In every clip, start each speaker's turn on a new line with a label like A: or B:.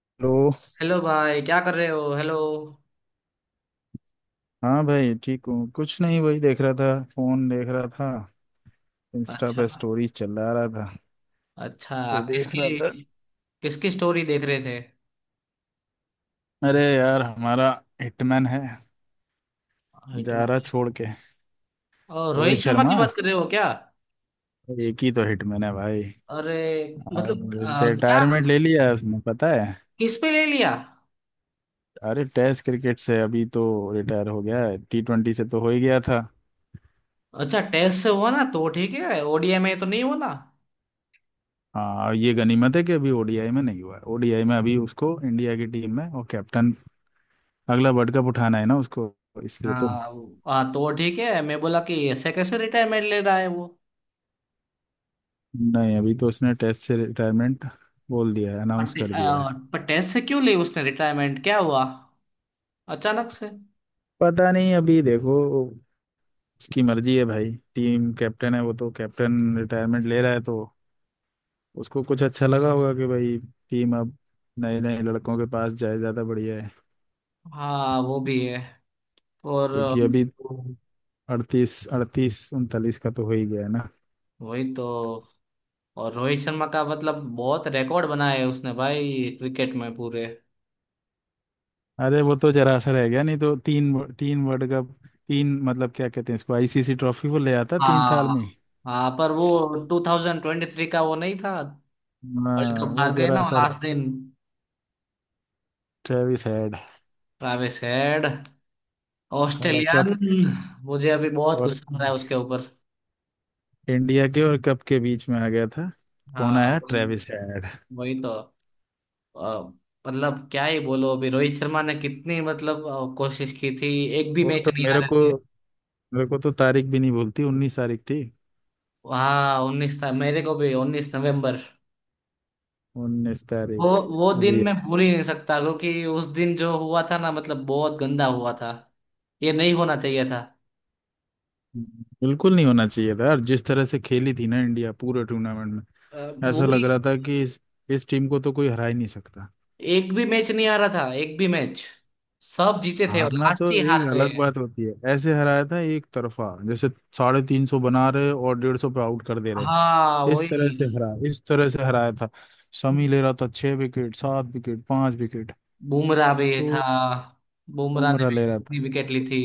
A: Hello.
B: Hello भाई क्या कर रहे हो हेलो।
A: हाँ भाई, ठीक हूँ। कुछ नहीं, वही देख रहा था, फोन देख रहा था। इंस्टा
B: अच्छा।
A: पे स्टोरीज चला रहा था।
B: अच्छा
A: तो देख रहा
B: किसकी
A: था।
B: किसकी स्टोरी देख रहे थे?
A: अरे यार, हमारा हिटमैन है, जा रहा
B: हिटमैन
A: छोड़ के।
B: और
A: रोहित
B: रोहित शर्मा की
A: शर्मा।
B: बात कर रहे हो क्या?
A: एक ही तो हिटमैन है भाई।
B: अरे मतलब क्या?
A: रिटायरमेंट ले लिया उसने, पता है?
B: किस पे ले लिया?
A: अरे टेस्ट क्रिकेट से अभी तो रिटायर हो गया है। टी ट्वेंटी से तो हो ही गया था।
B: अच्छा टेस्ट से हुआ ना तो ठीक है। ओडीआई में तो नहीं हुआ ना?
A: हाँ, और ये गनीमत है कि अभी ओडीआई में नहीं हुआ। ओडीआई में अभी उसको इंडिया की टीम में और कैप्टन, अगला वर्ल्ड कप उठाना है ना उसको, इसलिए तो।
B: हाँ हाँ, तो ठीक है मैं बोला कि ऐसे कैसे रिटायरमेंट ले रहा है वो।
A: नहीं, अभी तो उसने टेस्ट से रिटायरमेंट बोल दिया है, अनाउंस कर दिया है।
B: पर टेस्ट से क्यों ली उसने रिटायरमेंट? क्या हुआ अचानक से?
A: पता नहीं, अभी देखो उसकी मर्जी है भाई, टीम कैप्टन है वो, तो कैप्टन रिटायरमेंट ले रहा है तो उसको कुछ अच्छा लगा होगा कि भाई टीम अब नए नए लड़कों के पास जाए, ज़्यादा बढ़िया है।
B: हाँ वो भी है। और
A: क्योंकि अभी तो अड़तीस, अड़तीस उनतालीस का तो हो ही गया है ना।
B: वही तो। और रोहित शर्मा का मतलब बहुत रिकॉर्ड बनाया है उसने भाई क्रिकेट में पूरे।
A: अरे वो तो जरा सा रह गया, नहीं तो तीन वर्ल्ड कप, तीन मतलब क्या कहते हैं इसको, आईसीसी ट्रॉफी, वो ले आता तीन साल
B: हाँ।
A: में।
B: हाँ पर वो 2023 का वो नहीं था, वर्ल्ड
A: हाँ
B: कप
A: वो
B: हार गए
A: जरा
B: ना
A: सा रह।
B: लास्ट दिन।
A: ट्रेविस हेड
B: ट्रैविस हेड,
A: साला, कप के
B: ऑस्ट्रेलियन। मुझे अभी बहुत
A: और
B: गुस्सा हो रहा है उसके ऊपर।
A: इंडिया के और कप के बीच में आ गया था। कौन
B: हाँ
A: आया?
B: वही।
A: Travis head.
B: वही तो अ, मतलब क्या ही बोलो, अभी रोहित शर्मा ने कितनी मतलब कोशिश की थी। एक भी
A: वो
B: मैच
A: तो
B: नहीं
A: मेरे
B: हारे
A: को,
B: थे।
A: मेरे को तो तारीख भी नहीं भूलती, उन्नीस तारीख थी।
B: हाँ उन्नीस था, मेरे को भी उन्नीस नवंबर।
A: उन्नीस
B: वो
A: तारीख।
B: वो दिन
A: अभी
B: मैं भूल ही नहीं सकता, क्योंकि उस दिन जो हुआ था ना मतलब बहुत गंदा हुआ था। ये नहीं होना चाहिए था।
A: बिल्कुल नहीं होना चाहिए था यार। जिस तरह से खेली थी ना इंडिया पूरे टूर्नामेंट में,
B: अ,
A: ऐसा
B: वही।
A: लग रहा था कि इस टीम को तो कोई हरा ही नहीं सकता।
B: एक भी मैच नहीं आ रहा था, एक भी मैच। सब जीते थे और
A: हारना तो
B: लास्ट ही
A: एक
B: हार
A: अलग
B: गए।
A: बात होती है, ऐसे हराया था, एक तरफा जैसे, साढ़े तीन सौ बना रहे और डेढ़ सौ पे आउट कर दे रहे।
B: हाँ
A: इस तरह से
B: वही।
A: हरा, इस तरह से हराया था। शमी ले रहा था छह विकेट, सात विकेट, पांच विकेट।
B: बुमराह भी था,
A: तो
B: बुमराह ने
A: बुमराह
B: भी
A: ले रहा
B: इतनी
A: था।
B: विकेट ली थी।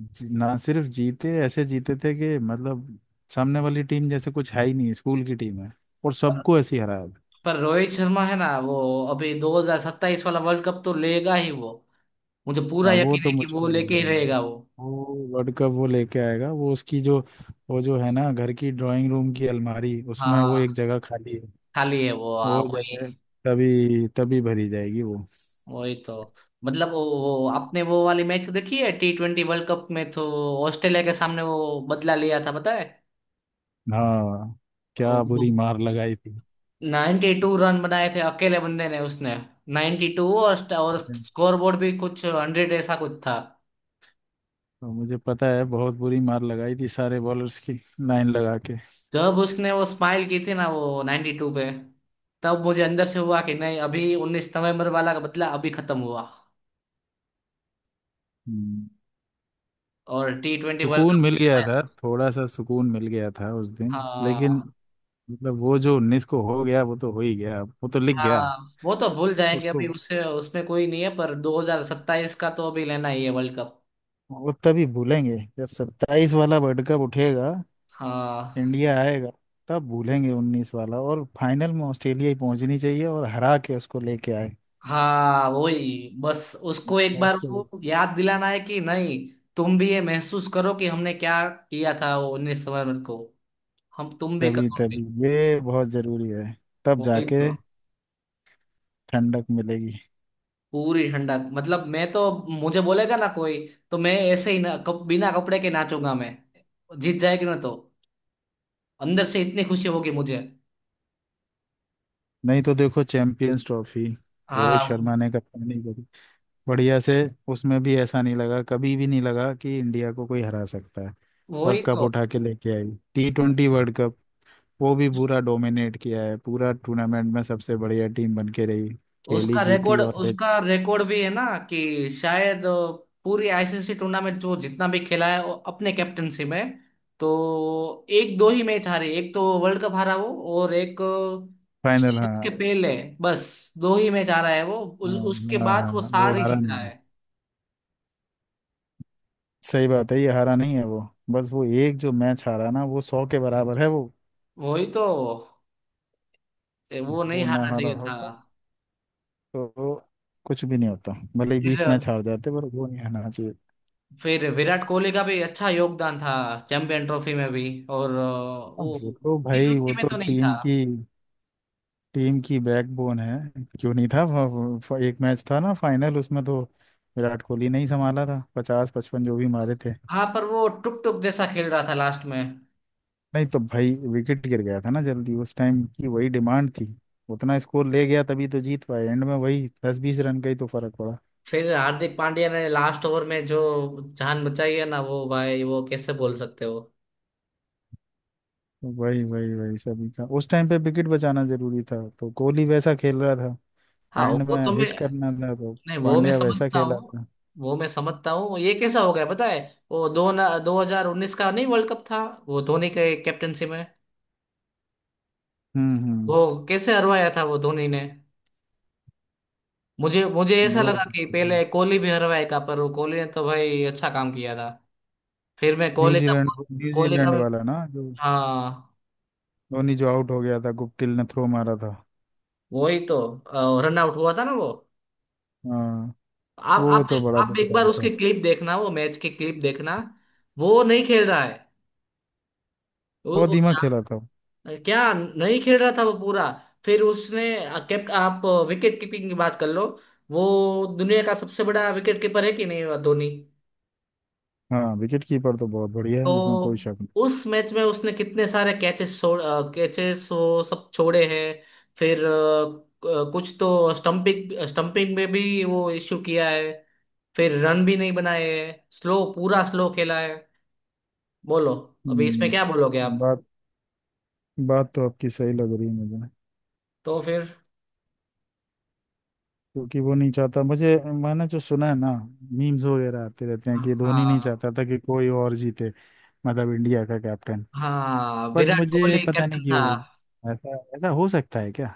A: ना सिर्फ जीते, ऐसे जीते थे कि मतलब सामने वाली टीम जैसे कुछ है ही नहीं, स्कूल की टीम है। और
B: पर
A: सबको ऐसे ही हराया था।
B: पर रोहित शर्मा है ना वो, अभी 2027 वाला वर्ल्ड कप तो लेगा ही वो। मुझे पूरा
A: हाँ, वो
B: यकीन
A: तो
B: है कि
A: मुझको
B: वो लेके
A: लग
B: ही
A: रहा है
B: रहेगा वो।
A: वो वर्ल्ड कप वो लेके आएगा। वो उसकी जो, वो जो है ना घर की ड्राइंग रूम की अलमारी, उसमें वो
B: हाँ
A: एक जगह खाली है।
B: खाली है वो, हाँ
A: वो
B: वही।
A: जगह तभी तभी भरी जाएगी वो।
B: वही तो। मतलब वो आपने वो वाली मैच देखी है टी ट्वेंटी वर्ल्ड कप में तो? ऑस्ट्रेलिया के सामने वो बदला लिया था पता है।
A: हाँ, क्या बुरी मार लगाई थी।
B: नाइन्टी टू रन बनाए थे अकेले बंदे ने उसने। नाइन्टी टू और स्कोर बोर्ड भी कुछ हंड्रेड ऐसा कुछ था।
A: तो मुझे पता है, बहुत बुरी मार लगाई थी सारे बॉलर्स की, लाइन लगा के।
B: जब उसने वो स्माइल की थी ना वो नाइन्टी टू पे, तब मुझे अंदर से हुआ कि नहीं, अभी उन्नीस नवंबर वाला का बदला अभी खत्म हुआ।
A: हम्म,
B: और टी ट्वेंटी वर्ल्ड
A: सुकून
B: कप
A: मिल गया
B: आया।
A: था, थोड़ा सा सुकून मिल गया था उस दिन, लेकिन।
B: हाँ।
A: मतलब वो जो उन्नीस को हो गया, वो तो हो ही गया, वो तो लिख गया
B: हाँ वो तो भूल जाएंगे, अभी
A: उसको।
B: उससे उसमें कोई नहीं है, पर 2027 का तो अभी लेना ही है वर्ल्ड कप।
A: वो तभी भूलेंगे जब सत्ताईस वाला वर्ल्ड कप उठेगा,
B: हाँ
A: इंडिया आएगा। तब भूलेंगे उन्नीस वाला। और फाइनल में ऑस्ट्रेलिया ही पहुंचनी चाहिए, और हरा के उसको लेके आए
B: हाँ वही बस। उसको एक बार
A: ऐसे।
B: वो याद दिलाना है कि नहीं तुम भी ये महसूस करो कि हमने क्या किया था वो उन्नीस नवंबर को। हम तुम भी
A: तभी तभी,
B: करोगे।
A: ये बहुत जरूरी है, तब
B: वही
A: जाके
B: तो।
A: ठंडक मिलेगी।
B: पूरी ठंडक, मतलब मैं तो, मुझे बोलेगा ना कोई तो मैं ऐसे ही ना बिना कपड़े के नाचूंगा मैं। जीत जाएगी ना तो अंदर से इतनी खुशी होगी मुझे।
A: नहीं तो देखो चैंपियंस ट्रॉफी, रोहित शर्मा
B: हाँ
A: ने कप्तानी करी बढ़िया से। उसमें भी ऐसा नहीं लगा, कभी भी नहीं लगा कि इंडिया को कोई हरा सकता है। और
B: वही
A: कप
B: तो।
A: उठा के लेके आई, टी ट्वेंटी वर्ल्ड कप वो भी पूरा डोमिनेट किया है, पूरा टूर्नामेंट में सबसे बढ़िया टीम बन के रही, खेली, जीती और लेके,
B: उसका रिकॉर्ड भी है ना कि शायद पूरी आईसीसी टूर्नामेंट जो जितना भी खेला है वो अपने कैप्टनसी में, तो एक दो ही मैच हारे, एक तो वर्ल्ड कप हारा वो और एक
A: फाइनल।
B: शायद उसके
A: हाँ,
B: पहले, बस दो ही मैच हारा है वो।
A: हाँ,
B: उसके
A: हाँ,
B: बाद
A: हाँ,
B: वो
A: हाँ, वो
B: सारी
A: हारा
B: जीता
A: नहीं।
B: है।
A: सही बात है, ये हारा नहीं है वो। बस वो एक जो मैच हारा ना, वो सौ के बराबर है वो।
B: वही तो। वो नहीं
A: वो ना
B: हारना
A: हारा
B: चाहिए था।
A: होता तो कुछ भी नहीं होता, भले ही बीस मैच
B: फिर
A: हार जाते, पर वो नहीं हारना चाहिए।
B: फिर विराट कोहली का भी अच्छा योगदान था चैंपियन ट्रॉफी में भी। और
A: अब
B: वो
A: वो तो
B: टी
A: भाई, वो
B: ट्वेंटी में
A: तो
B: तो नहीं था।
A: टीम की बैकबोन है। क्यों नहीं था? वो एक मैच था ना फाइनल, उसमें तो विराट कोहली ने ही संभाला था, पचास पचपन जो भी मारे थे।
B: हाँ पर वो टुक टुक जैसा खेल रहा था लास्ट में।
A: नहीं तो भाई, विकेट गिर गया था ना जल्दी, उस टाइम की वही डिमांड थी। उतना स्कोर ले गया तभी तो जीत पाए एंड में, वही दस बीस रन का ही तो फर्क पड़ा।
B: फिर हार्दिक पांड्या ने लास्ट ओवर में जो जान बचाई है ना वो भाई, वो कैसे बोल सकते हो?
A: वही, वही, वही, सभी का उस टाइम पे विकेट बचाना जरूरी था, तो कोहली वैसा खेल रहा था।
B: हाँ
A: एंड
B: वो
A: में
B: तो मैं,
A: हिट करना था तो
B: नहीं वो मैं
A: पांड्या वैसा
B: समझता
A: खेला
B: हूँ।
A: था।
B: वो मैं समझता हूँ ये कैसा हो गया पता है? वो दो हजार उन्नीस का नहीं वर्ल्ड कप था वो धोनी के कैप्टनसी में?
A: हम्म, हम्म,
B: वो कैसे हरवाया था वो धोनी ने। मुझे मुझे ऐसा
A: वो
B: लगा कि पहले कोहली भी हरवाएगा, पर वो कोहली ने तो भाई अच्छा काम किया था। फिर मैं कोहली का,
A: न्यूजीलैंड
B: कोहली का
A: न्यूजीलैंड
B: मैं,
A: वाला ना जो,
B: हाँ
A: धोनी जो आउट हो गया था, गुप्टिल ने थ्रो मारा था।
B: वही तो। रन आउट हुआ था ना वो।
A: हाँ,
B: आप
A: वो
B: आप
A: तो बड़ा
B: आप एक बार
A: दुखदायी था।
B: उसके क्लिप देखना, वो मैच के क्लिप देखना। वो नहीं खेल रहा है वो,
A: बहुत धीमा खेला था वो।
B: क्या नहीं खेल रहा था वो पूरा। फिर उसने कैप, आप विकेट कीपिंग की बात कर लो, वो दुनिया का सबसे बड़ा विकेट कीपर है कि नहीं वो धोनी?
A: हाँ, विकेट कीपर तो बहुत बढ़िया है, इसमें कोई
B: तो
A: शक नहीं।
B: उस मैच में उसने कितने सारे कैचेस छोड़, कैचेस वो सब छोड़े हैं। फिर कुछ तो स्टंपिंग, स्टंपिंग में भी वो इश्यू किया है। फिर रन भी नहीं बनाए है, स्लो पूरा स्लो खेला है। बोलो, अभी इसमें क्या बोलोगे आप?
A: बात बात तो आपकी सही लग रही है मुझे।
B: तो फिर
A: क्योंकि वो नहीं चाहता मुझे, मैंने जो सुना है ना, मीम्स वगैरह आते रहते हैं कि धोनी नहीं
B: हाँ।
A: चाहता था कि कोई और जीते। मतलब इंडिया का कैप्टन।
B: हाँ
A: बट
B: विराट
A: मुझे
B: कोहली
A: पता
B: कैप्टन
A: नहीं
B: था।
A: क्यों, ऐसा ऐसा हो सकता है क्या?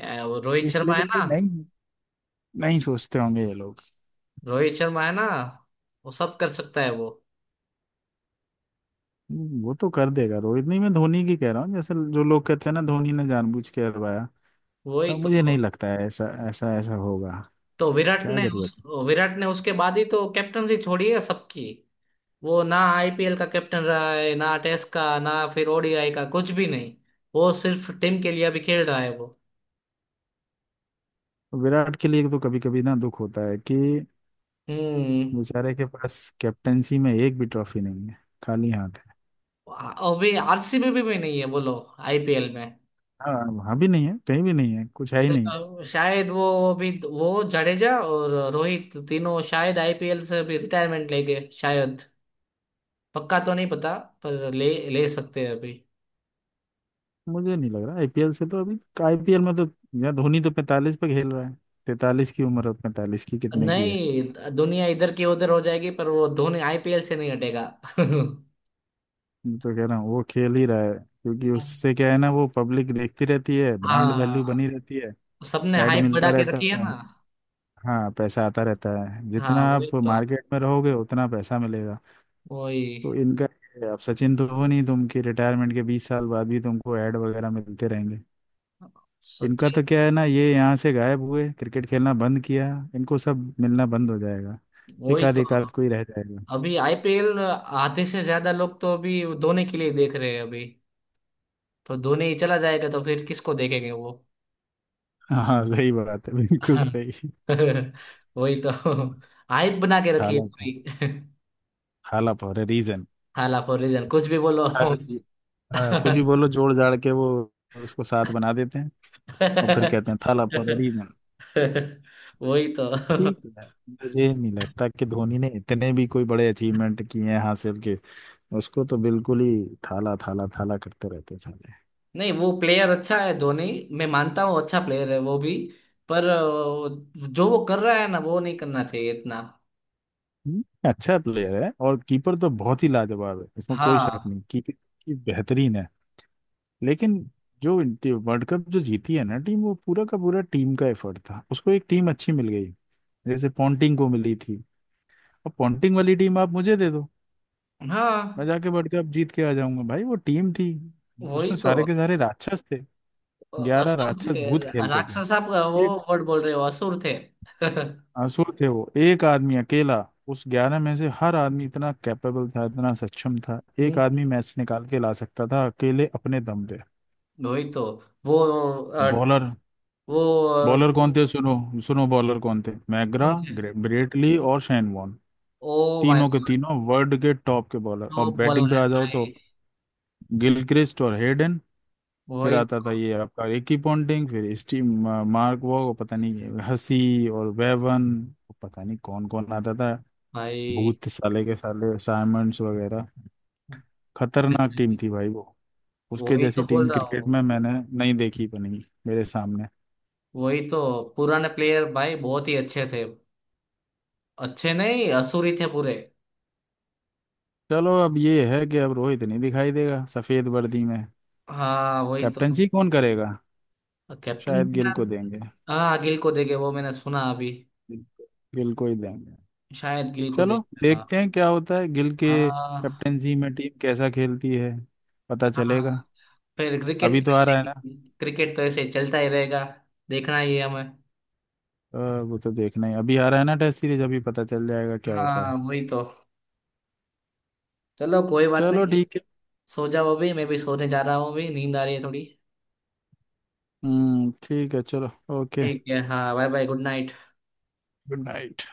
B: वो रोहित
A: इस
B: शर्मा है
A: लेवल पे
B: ना,
A: नहीं, नहीं सोचते होंगे ये लोग।
B: रोहित शर्मा है ना, वो सब कर सकता है वो।
A: वो तो कर देगा रोहित। नहीं, मैं धोनी की कह रहा हूँ, जैसे जो लोग कहते हैं ना, धोनी ने जानबूझ के हरवाया,
B: वही
A: तो मुझे नहीं
B: तो।
A: लगता है ऐसा ऐसा ऐसा होगा।
B: तो विराट
A: क्या
B: ने
A: जरूरत
B: उस विराट ने उसके बाद ही तो कैप्टनसी छोड़ी है सबकी। वो ना आईपीएल का कैप्टन रहा है ना टेस्ट का ना फिर ओडीआई का, कुछ भी नहीं। वो सिर्फ टीम के लिए अभी खेल रहा है वो।
A: है? विराट के लिए तो कभी कभी ना दुख होता है कि
B: हम्म।
A: बेचारे के पास कैप्टेंसी में एक भी ट्रॉफी नहीं है, खाली हाथ है।
B: अभी आरसीबी भी नहीं है बोलो आईपीएल में।
A: हाँ, अभी नहीं है, कहीं भी नहीं है, कुछ है ही नहीं।
B: अ, शायद वो अभी वो जडेजा और रोहित तीनों शायद आईपीएल से अभी रिटायरमेंट लेंगे शायद, पक्का तो नहीं पता, पर ले ले सकते हैं अभी।
A: मुझे नहीं लग रहा आईपीएल से तो अभी। आईपीएल में तो यार, धोनी तो 45 पे खेल रहा है। 43 की उम्र है, 45 की, कितने की है?
B: नहीं दुनिया इधर की उधर हो जाएगी पर वो धोनी आईपीएल से नहीं हटेगा।
A: मैं तो कह रहा हूँ वो खेल ही रहा है, क्योंकि उससे क्या है ना, वो पब्लिक देखती रहती है, ब्रांड वैल्यू बनी
B: हाँ।
A: रहती है,
B: सबने
A: एड
B: हाइप बढ़ा
A: मिलता
B: के
A: रहता
B: रखी है
A: है।
B: ना।
A: हाँ, पैसा आता रहता है,
B: हाँ
A: जितना
B: वही
A: आप
B: तो,
A: मार्केट में रहोगे उतना पैसा मिलेगा। तो
B: वही।
A: इनका ये है, अब सचिन तो हो नहीं तुम कि रिटायरमेंट के बीस साल बाद भी तुमको एड वगैरह मिलते रहेंगे। इनका
B: सचिन।
A: तो क्या है ना, ये यहाँ से गायब हुए, क्रिकेट खेलना बंद किया, इनको सब मिलना बंद हो जाएगा। एक
B: वही
A: आध,
B: तो,
A: एक आध कोई रह जाएगा।
B: अभी आईपीएल आधे से ज्यादा लोग तो अभी धोनी के लिए देख रहे हैं अभी। तो धोनी ही चला जाएगा तो फिर किसको देखेंगे वो।
A: हाँ, सही बात है, बिल्कुल सही।
B: वही तो। हाइप बना के रखी है
A: खाला था,
B: पूरी।
A: खाला फॉर ए रीजन।
B: हाला फॉर रीजन, कुछ भी बोलो।
A: हर चीज। हाँ, कुछ भी बोलो जोड़ जाड़ के वो उसको साथ बना देते हैं, और फिर कहते हैं थाला फॉर ए रीजन।
B: वही तो।
A: तो ठीक है। मुझे नहीं लगता कि धोनी ने इतने भी कोई बड़े अचीवमेंट किए हैं हासिल के, उसको तो बिल्कुल ही थाला थाला थाला करते रहते थे।
B: नहीं वो प्लेयर अच्छा है धोनी, मैं मानता हूँ अच्छा प्लेयर है वो भी। पर जो वो कर रहा है ना वो नहीं करना चाहिए इतना।
A: हम्म, अच्छा प्लेयर है, और कीपर तो बहुत ही लाजवाब है, इसमें कोई शक
B: हाँ।
A: नहीं, कीपिंग की बेहतरीन है। लेकिन जो वर्ल्ड कप जो जीती है ना टीम, वो पूरा का पूरा टीम का एफर्ट था, उसको एक टीम अच्छी मिल गई, जैसे पॉन्टिंग को मिली थी। अब पॉन्टिंग वाली टीम आप मुझे दे दो, मैं
B: हाँ
A: जाके वर्ल्ड कप जीत के आ जाऊंगा। भाई वो टीम थी,
B: वही
A: उसमें
B: तो
A: सारे के सारे राक्षस थे। ग्यारह
B: असुर
A: राक्षस
B: थे।
A: भूत खेलते थे।
B: राक्षस आप वो
A: एक
B: वर्ड बोल रहे हो, असुर थे।
A: आंसू थे वो, एक आदमी अकेला उस ग्यारह में से, हर आदमी इतना कैपेबल था, इतना सक्षम था। एक
B: हम्म,
A: आदमी मैच निकाल के ला सकता था अकेले अपने दम पे।
B: वही तो। वो अ,
A: बॉलर,
B: वो अ,
A: बॉलर कौन थे सुनो? सुनो बॉलर कौन थे, मैग्रा,
B: कौन थे?
A: ब्रेटली और शेन वॉर्न।
B: ओ माय
A: तीनों के
B: गॉड।
A: तीनों वर्ल्ड के टॉप के बॉलर। और
B: तो बोल
A: बैटिंग
B: रहे
A: पे
B: हैं
A: आ जाओ तो
B: भाई।
A: गिलक्रिस्ट और हेडन, फिर
B: वही
A: आता था
B: तो
A: ये आपका रिकी पॉन्टिंग, फिर स्टीव, मार्क वॉग, और पता नहीं हसी और वेवन, पता नहीं कौन कौन आता था।
B: भाई।
A: भूत साले के साले साइमंड्स वगैरह। खतरनाक टीम थी भाई वो। उसके
B: वही तो
A: जैसी
B: बोल
A: टीम
B: रहा
A: क्रिकेट
B: हूँ।
A: में मैंने नहीं देखी बनी मेरे सामने।
B: वही तो, पुराने प्लेयर भाई बहुत ही अच्छे थे, अच्छे नहीं असुर ही थे पूरे।
A: चलो अब ये है कि अब रोहित नहीं दिखाई देगा सफेद वर्दी में।
B: हाँ वही तो।
A: कैप्टनसी कौन करेगा?
B: कैप्टन,
A: शायद गिल को देंगे।
B: हाँ गिल को देंगे, वो मैंने सुना अभी,
A: गिल को, गिल को ही देंगे।
B: शायद गिल को
A: चलो
B: देंगे। हाँ।
A: देखते हैं क्या होता है, गिल के
B: हाँ।
A: कैप्टनसी में टीम कैसा खेलती है, पता
B: हाँ
A: चलेगा।
B: फिर
A: अभी
B: क्रिकेट तो
A: तो आ
B: ऐसे
A: रहा है
B: ही,
A: ना।
B: क्रिकेट तो ऐसे ही चलता ही रहेगा, देखना ही है हमें।
A: अ, वो तो देखना ही, अभी आ रहा है ना टेस्ट सीरीज, अभी पता चल जाएगा क्या होता
B: हाँ
A: है।
B: वही तो, चलो कोई बात नहीं।
A: चलो ठीक है।
B: सो जाओ, अभी मैं भी सोने जा रहा हूँ, अभी नींद आ रही है थोड़ी।
A: हम्म, ठीक है। चलो, ओके,
B: ठीक है हाँ, bye bye, good night.
A: Good night.